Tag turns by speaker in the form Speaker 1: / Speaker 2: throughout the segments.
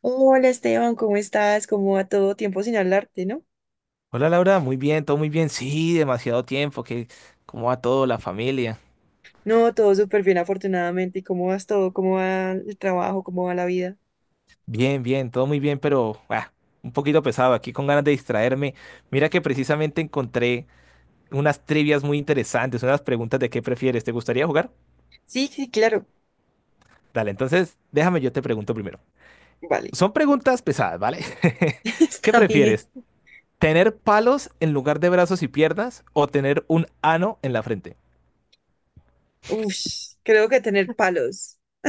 Speaker 1: Hola Esteban, ¿cómo estás? ¿Cómo va todo? Tiempo sin hablarte, ¿no?
Speaker 2: Hola Laura, muy bien, todo muy bien. Sí, demasiado tiempo, que cómo va todo, la familia.
Speaker 1: No, todo súper bien, afortunadamente. ¿Y cómo vas todo? ¿Cómo va el trabajo? ¿Cómo va la vida?
Speaker 2: Bien, bien, todo muy bien, pero un poquito pesado aquí con ganas de distraerme. Mira que precisamente encontré unas trivias muy interesantes, unas preguntas de qué prefieres. ¿Te gustaría jugar?
Speaker 1: Sí, sí, claro.
Speaker 2: Dale, entonces déjame yo te pregunto primero.
Speaker 1: Vale,
Speaker 2: Son preguntas pesadas, ¿vale? ¿Qué
Speaker 1: está bien.
Speaker 2: prefieres? ¿Tener palos en lugar de brazos y piernas o tener un ano en la frente?
Speaker 1: Uf, creo que tener palos.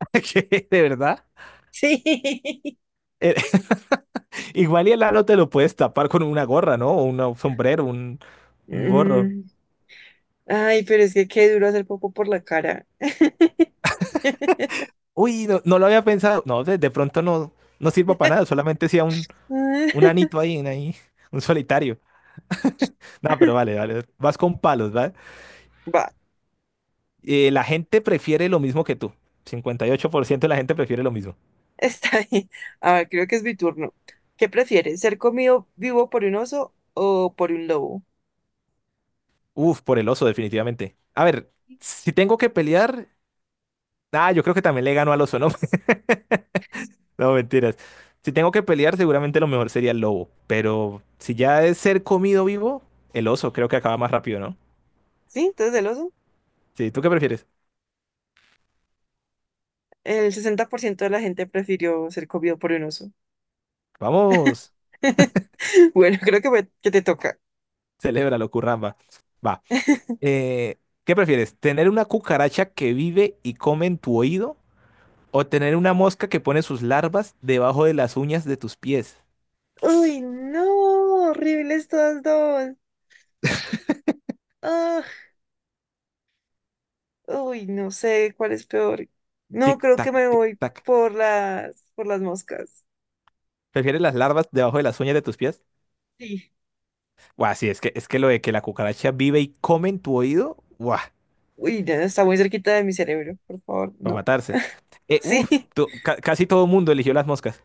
Speaker 2: ¿Qué? ¿De verdad?
Speaker 1: Sí.
Speaker 2: Igual y el ano te lo puedes tapar con una gorra, ¿no? O un sombrero, un gorro.
Speaker 1: Mm. Ay, pero es que qué duro hacer poco por la cara.
Speaker 2: Uy, no, no lo había pensado. No, de pronto no, no sirva para nada, solamente sea un anito ahí, en ahí, un solitario. No, pero vale, vale. Vas con palos, ¿vale?
Speaker 1: Va,
Speaker 2: La gente prefiere lo mismo que tú. 58% de la gente prefiere lo mismo.
Speaker 1: está bien. A ver, creo que es mi turno. ¿Qué prefieres? ¿Ser comido vivo por un oso o por un lobo?
Speaker 2: Uf, por el oso, definitivamente. A ver, si tengo que pelear, yo creo que también le gano al oso, ¿no? No, mentiras. Si tengo que pelear, seguramente lo mejor sería el lobo. Pero si ya es ser comido vivo, el oso creo que acaba más rápido, ¿no?
Speaker 1: ¿Sí? Entonces el oso.
Speaker 2: Sí, ¿tú qué prefieres?
Speaker 1: El 60% de la gente prefirió ser comido por un oso.
Speaker 2: Vamos,
Speaker 1: Bueno, creo que, que te toca.
Speaker 2: celébralo, curramba. Va. Eh, ¿qué prefieres? ¿Tener una cucaracha que vive y come en tu oído? ¿O tener una mosca que pone sus larvas debajo de las uñas de tus pies?
Speaker 1: Uy, no, horribles todas dos. Ah, uy, no sé cuál es peor. No,
Speaker 2: Tic
Speaker 1: creo que
Speaker 2: tac,
Speaker 1: me
Speaker 2: tic
Speaker 1: voy
Speaker 2: tac.
Speaker 1: por las moscas.
Speaker 2: ¿Prefieres las larvas debajo de las uñas de tus pies?
Speaker 1: Sí.
Speaker 2: Buah, sí, es que lo de que la cucaracha vive y come en tu oído, ¡guau!
Speaker 1: Uy, ya está muy cerquita de mi cerebro, por favor,
Speaker 2: Para
Speaker 1: no.
Speaker 2: matarse. Eh,
Speaker 1: Sí.
Speaker 2: uf, to- ca- casi todo el mundo eligió las moscas.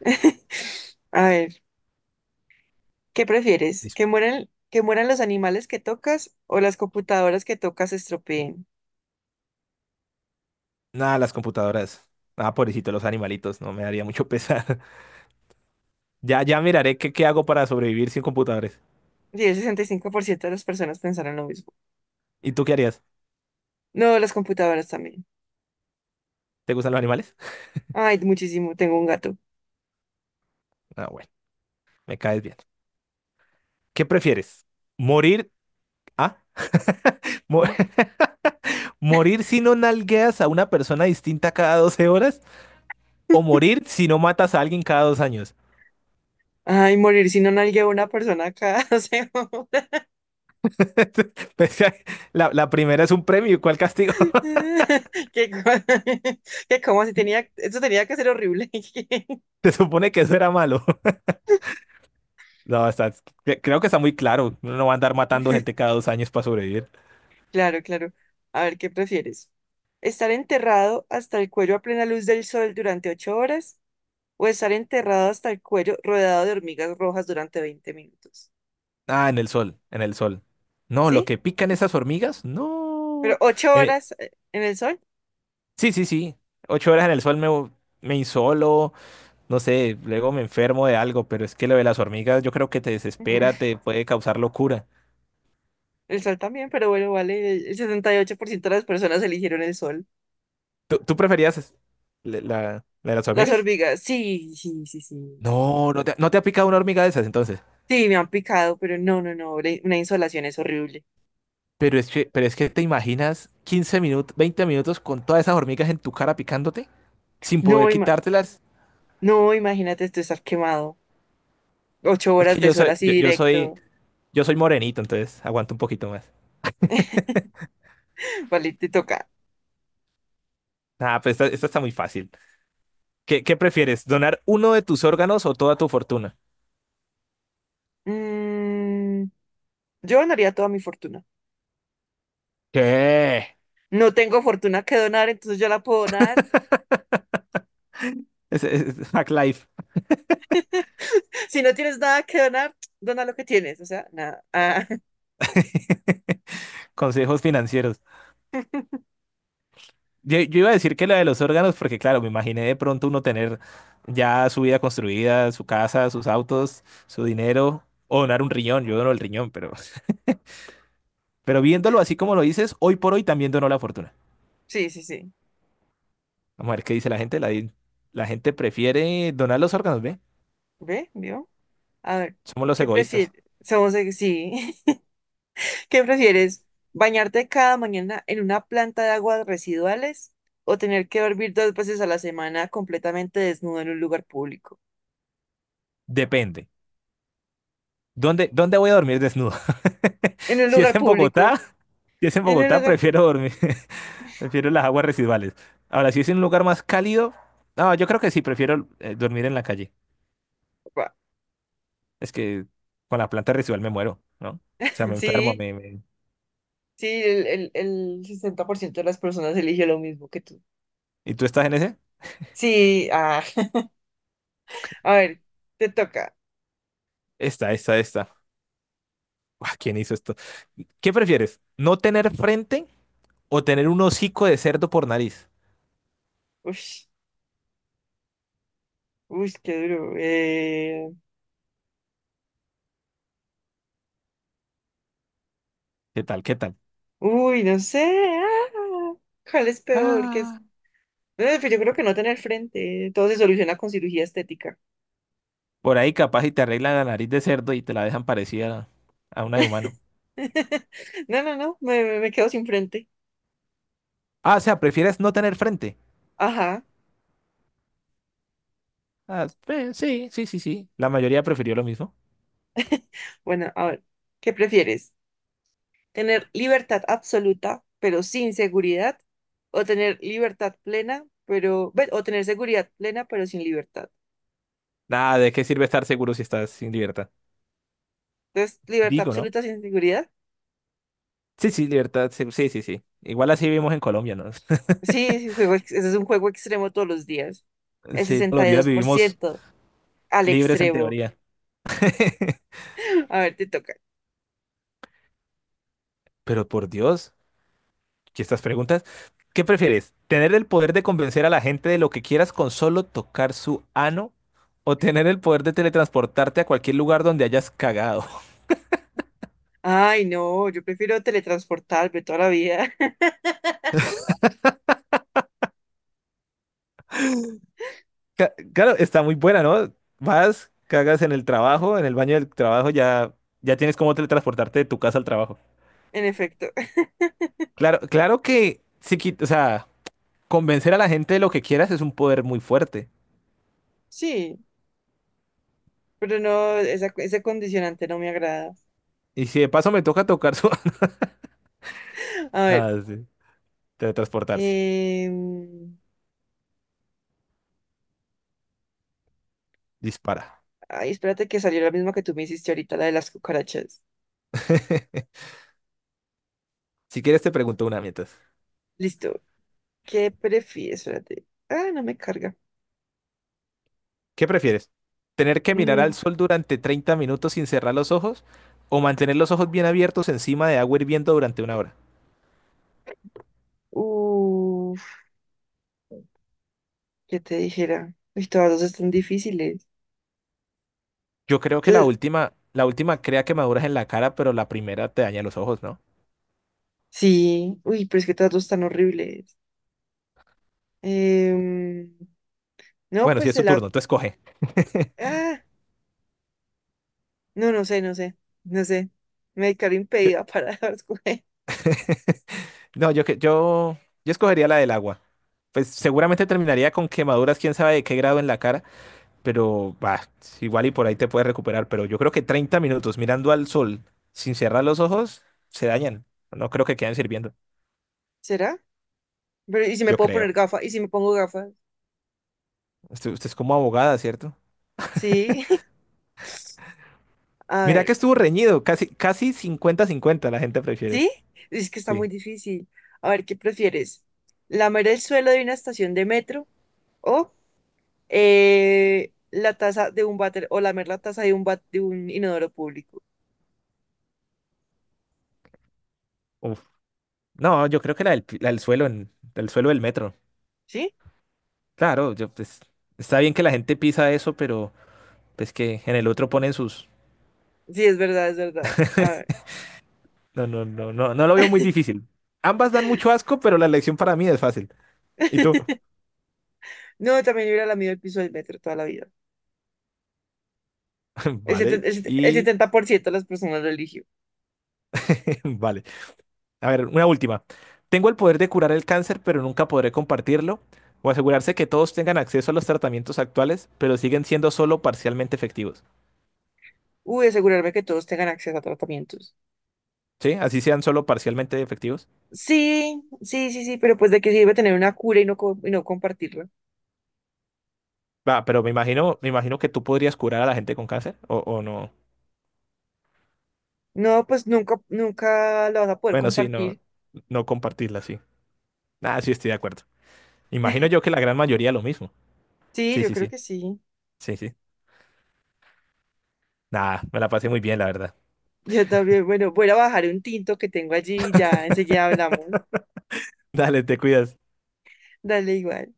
Speaker 1: A ver, ¿qué prefieres?
Speaker 2: Dice,
Speaker 1: ¿Que mueran los animales que tocas o las computadoras que tocas se estropeen?
Speaker 2: nada, las computadoras. Ah, pobrecito, los animalitos, no me daría mucho pesar. Ya, ya miraré qué hago para sobrevivir sin computadores.
Speaker 1: Y el 65% de las personas pensaron lo mismo.
Speaker 2: ¿Y tú qué harías?
Speaker 1: No, las computadoras también.
Speaker 2: ¿Te gustan los animales?
Speaker 1: Ay, muchísimo, tengo un gato.
Speaker 2: Ah, bueno, me caes bien. ¿Qué prefieres? ¿Morir? Ah, mo- ¿morir si no nalgueas a una persona distinta cada 12 horas? ¿O morir si no matas a alguien cada 2 años?
Speaker 1: Ay, morir si no nalgueo a una persona cada semana.
Speaker 2: Pues, la primera es un premio, ¿cuál castigo?
Speaker 1: Que, co- que como si tenía, eso tenía que ser horrible.
Speaker 2: Se supone que eso era malo. No, creo que está muy claro. Uno no va a andar matando gente cada 2 años para sobrevivir.
Speaker 1: Claro, claro. A ver, ¿qué prefieres? ¿Estar enterrado hasta el cuello a plena luz del sol durante 8 horas o estar enterrado hasta el cuello rodeado de hormigas rojas durante 20 minutos?
Speaker 2: Ah, en el sol, en el sol. No, lo
Speaker 1: ¿Sí?
Speaker 2: que pican esas hormigas,
Speaker 1: Pero
Speaker 2: no.
Speaker 1: ocho
Speaker 2: Eh,
Speaker 1: horas en el sol.
Speaker 2: sí, sí, sí. 8 horas en el sol me insolo, no sé, luego me enfermo de algo, pero es que lo de las hormigas yo creo que te desespera, te puede causar locura.
Speaker 1: El sol también, pero bueno, vale. El 78% de las personas eligieron el sol.
Speaker 2: ¿Tú preferías la de las
Speaker 1: Las
Speaker 2: hormigas?
Speaker 1: hormigas, sí, sí, sí, sí.
Speaker 2: No, no te ha picado una hormiga de esas entonces.
Speaker 1: Sí, me han picado, pero no, no, no. Una insolación es horrible.
Speaker 2: Pero es que te imaginas 15 minutos, 20 minutos con todas esas hormigas en tu cara picándote sin
Speaker 1: No,
Speaker 2: poder quitártelas.
Speaker 1: no, imagínate tú estar quemado. Ocho
Speaker 2: Es
Speaker 1: horas
Speaker 2: que
Speaker 1: de
Speaker 2: yo
Speaker 1: sol
Speaker 2: soy,
Speaker 1: así
Speaker 2: yo, yo soy,
Speaker 1: directo.
Speaker 2: yo soy morenito, entonces aguanto un poquito más.
Speaker 1: Vale, te toca.
Speaker 2: Ah, pues esta está muy fácil. ¿Qué prefieres? ¿Donar uno de tus órganos o toda tu fortuna?
Speaker 1: Mm, yo donaría toda mi fortuna.
Speaker 2: ¿Qué?
Speaker 1: No tengo fortuna que donar, entonces yo la puedo donar.
Speaker 2: Es Hack Life,
Speaker 1: Si no tienes nada que donar, dona lo que tienes. O sea, nada. Ah,
Speaker 2: consejos financieros. Yo iba a decir que la de los órganos, porque claro, me imaginé de pronto uno tener ya su vida construida, su casa, sus autos, su dinero, o donar un riñón. Yo dono el riñón, pero. Pero viéndolo así como lo dices, hoy por hoy también donó la fortuna.
Speaker 1: sí, sí, sí.
Speaker 2: Vamos a ver qué dice la gente. La gente prefiere donar los órganos, ¿ve?
Speaker 1: ¿Ve? ¿Vio? A ver,
Speaker 2: Somos los
Speaker 1: ¿qué
Speaker 2: egoístas.
Speaker 1: prefieres? Somos, sí. ¿Qué prefieres? ¿Bañarte cada mañana en una planta de aguas residuales o tener que dormir 2 veces a la semana completamente desnudo en un lugar público?
Speaker 2: Depende. ¿Dónde voy a dormir desnudo?
Speaker 1: En un
Speaker 2: Si es
Speaker 1: lugar
Speaker 2: en
Speaker 1: público.
Speaker 2: Bogotá, si es en
Speaker 1: En un
Speaker 2: Bogotá,
Speaker 1: lugar. De-
Speaker 2: prefiero dormir. Prefiero las aguas residuales. Ahora, si es en un lugar más cálido, no, yo creo que sí, prefiero dormir en la calle.
Speaker 1: Pa.
Speaker 2: Es que con la planta residual me muero, ¿no? O sea, me enfermo,
Speaker 1: Sí,
Speaker 2: me... me-
Speaker 1: sí, el 60% de las personas elige lo mismo que tú.
Speaker 2: ¿Y tú estás en ese?
Speaker 1: Sí, a ver, te toca.
Speaker 2: Esta. Ah, ¿quién hizo esto? ¿Qué prefieres? ¿No tener frente o tener un hocico de cerdo por nariz?
Speaker 1: Ush, uy, qué duro.
Speaker 2: ¿Qué tal? ¿Qué tal?
Speaker 1: Uy, no sé. ah, ¿Cuál es peor? ¿Qué es?
Speaker 2: Ah,
Speaker 1: No, pues yo creo que no tener frente, todo se soluciona con cirugía estética.
Speaker 2: por ahí capaz y te arreglan la nariz de cerdo y te la dejan parecida a una de humano.
Speaker 1: No, no, no, me quedo sin frente.
Speaker 2: Ah, o sea, ¿prefieres no tener frente?
Speaker 1: Ajá.
Speaker 2: Ah, sí, sí, sí, sí. La mayoría prefirió lo mismo.
Speaker 1: Bueno, a ver, ¿qué prefieres? ¿Tener libertad absoluta, pero sin seguridad? ¿O tener libertad plena, pero... ve, o tener seguridad plena, pero sin libertad?
Speaker 2: Nada, ¿de qué sirve estar seguro si estás sin libertad?
Speaker 1: Entonces, libertad
Speaker 2: Digo, ¿no?
Speaker 1: absoluta sin seguridad.
Speaker 2: Sí, sí, libertad. Sí, sí, sí, sí. Igual así vivimos en Colombia, ¿no?
Speaker 1: Sí, sí, juego, ese es un juego extremo todos los días. El
Speaker 2: Sí, todos los
Speaker 1: sesenta y
Speaker 2: días
Speaker 1: dos por
Speaker 2: vivimos
Speaker 1: ciento al
Speaker 2: libres en
Speaker 1: extremo.
Speaker 2: teoría.
Speaker 1: A ver, te toca.
Speaker 2: Pero por Dios, y estas preguntas. ¿Qué prefieres? ¿Tener el poder de convencer a la gente de lo que quieras con solo tocar su ano? ¿O tener el poder de teletransportarte a cualquier lugar donde hayas cagado?
Speaker 1: Ay, no, yo prefiero teletransportarme toda la vida.
Speaker 2: Claro, está muy buena, ¿no? Vas, cagas en el trabajo, en el baño del trabajo, ya, ya tienes cómo teletransportarte de tu casa al trabajo.
Speaker 1: En efecto,
Speaker 2: Claro, claro que sí, o sea, convencer a la gente de lo que quieras es un poder muy fuerte.
Speaker 1: sí, pero no, esa, ese condicionante no me agrada.
Speaker 2: Y si de paso me toca tocar su ano,
Speaker 1: A ver,
Speaker 2: sí, teletransportarse.
Speaker 1: em,
Speaker 2: Dispara.
Speaker 1: ay, espérate que salió la misma que tú me hiciste ahorita, la de las cucarachas.
Speaker 2: Si quieres te pregunto una mientras.
Speaker 1: Listo. ¿Qué prefieres? Espérate. Ah, no me carga.
Speaker 2: ¿Qué prefieres? ¿Tener que mirar al
Speaker 1: Mm,
Speaker 2: sol durante 30 minutos sin cerrar los ojos o mantener los ojos bien abiertos encima de agua hirviendo durante una hora?
Speaker 1: uf, ¿qué te dijera? Uy, todas dos están difíciles.
Speaker 2: Yo creo que la
Speaker 1: Entonces,
Speaker 2: última, la última crea quemaduras en la cara, pero la primera te daña los ojos, ¿no?
Speaker 1: sí, uy, pero es que todas dos están horribles. Em, no,
Speaker 2: Bueno, si
Speaker 1: pues
Speaker 2: es tu
Speaker 1: se la...
Speaker 2: turno, tú escoge.
Speaker 1: Ah, no, no sé, no sé, no sé. Me declaro
Speaker 2: Yo-
Speaker 1: impedida para escoger.
Speaker 2: no, yo escogería la del agua. Pues seguramente terminaría con quemaduras, quién sabe de qué grado en la cara, pero va, igual y por ahí te puedes recuperar. Pero yo creo que 30 minutos mirando al sol sin cerrar los ojos se dañan. No creo que queden sirviendo.
Speaker 1: ¿Será? Pero, ¿y si me
Speaker 2: Yo
Speaker 1: puedo poner
Speaker 2: creo.
Speaker 1: gafas? ¿Y si me pongo gafas?
Speaker 2: Usted es como abogada, ¿cierto?
Speaker 1: Sí. A
Speaker 2: Mira que
Speaker 1: ver,
Speaker 2: estuvo reñido, casi, casi 50-50. La gente prefiere.
Speaker 1: ¿sí? Es que está muy
Speaker 2: Sí.
Speaker 1: difícil. A ver, ¿qué prefieres? ¿Lamer el suelo de una estación de metro o la taza de un váter o lamer la taza de un de un inodoro público?
Speaker 2: Uf. No, yo creo que la del suelo del metro.
Speaker 1: ¿Sí?
Speaker 2: Claro, pues, está bien que la gente pisa eso, pero pues que en el otro ponen sus...
Speaker 1: Sí, es verdad, es verdad. A ver.
Speaker 2: No, no, no, no, no lo veo muy difícil. Ambas dan mucho asco, pero la elección para mí es fácil. ¿Y tú?
Speaker 1: No, también hubiera lamido el piso del metro toda la vida. El
Speaker 2: Vale,
Speaker 1: 70, el
Speaker 2: y
Speaker 1: 70% de las personas lo eligió.
Speaker 2: vale. A ver, una última. Tengo el poder de curar el cáncer, pero nunca podré compartirlo o asegurarse que todos tengan acceso a los tratamientos actuales, pero siguen siendo solo parcialmente efectivos.
Speaker 1: Uy, asegurarme que todos tengan acceso a tratamientos.
Speaker 2: ¿Sí? Así sean solo parcialmente efectivos.
Speaker 1: Sí, sí, sí, sí, pero pues de qué sirve tener una cura y no compartirla.
Speaker 2: Va, pero me imagino que tú podrías curar a la gente con cáncer o no.
Speaker 1: No, pues nunca, nunca la vas a poder
Speaker 2: Bueno, sí, no,
Speaker 1: compartir.
Speaker 2: no compartirla, sí. Ah, sí, estoy de acuerdo. Imagino yo que la gran mayoría lo mismo.
Speaker 1: Sí,
Speaker 2: Sí,
Speaker 1: yo
Speaker 2: sí,
Speaker 1: creo
Speaker 2: sí.
Speaker 1: que sí.
Speaker 2: Sí, sí. Nada, me la pasé muy bien, la verdad.
Speaker 1: Yo también, bueno, voy a bajar un tinto que tengo allí y ya enseguida hablamos.
Speaker 2: Dale, te cuidas.
Speaker 1: Dale igual.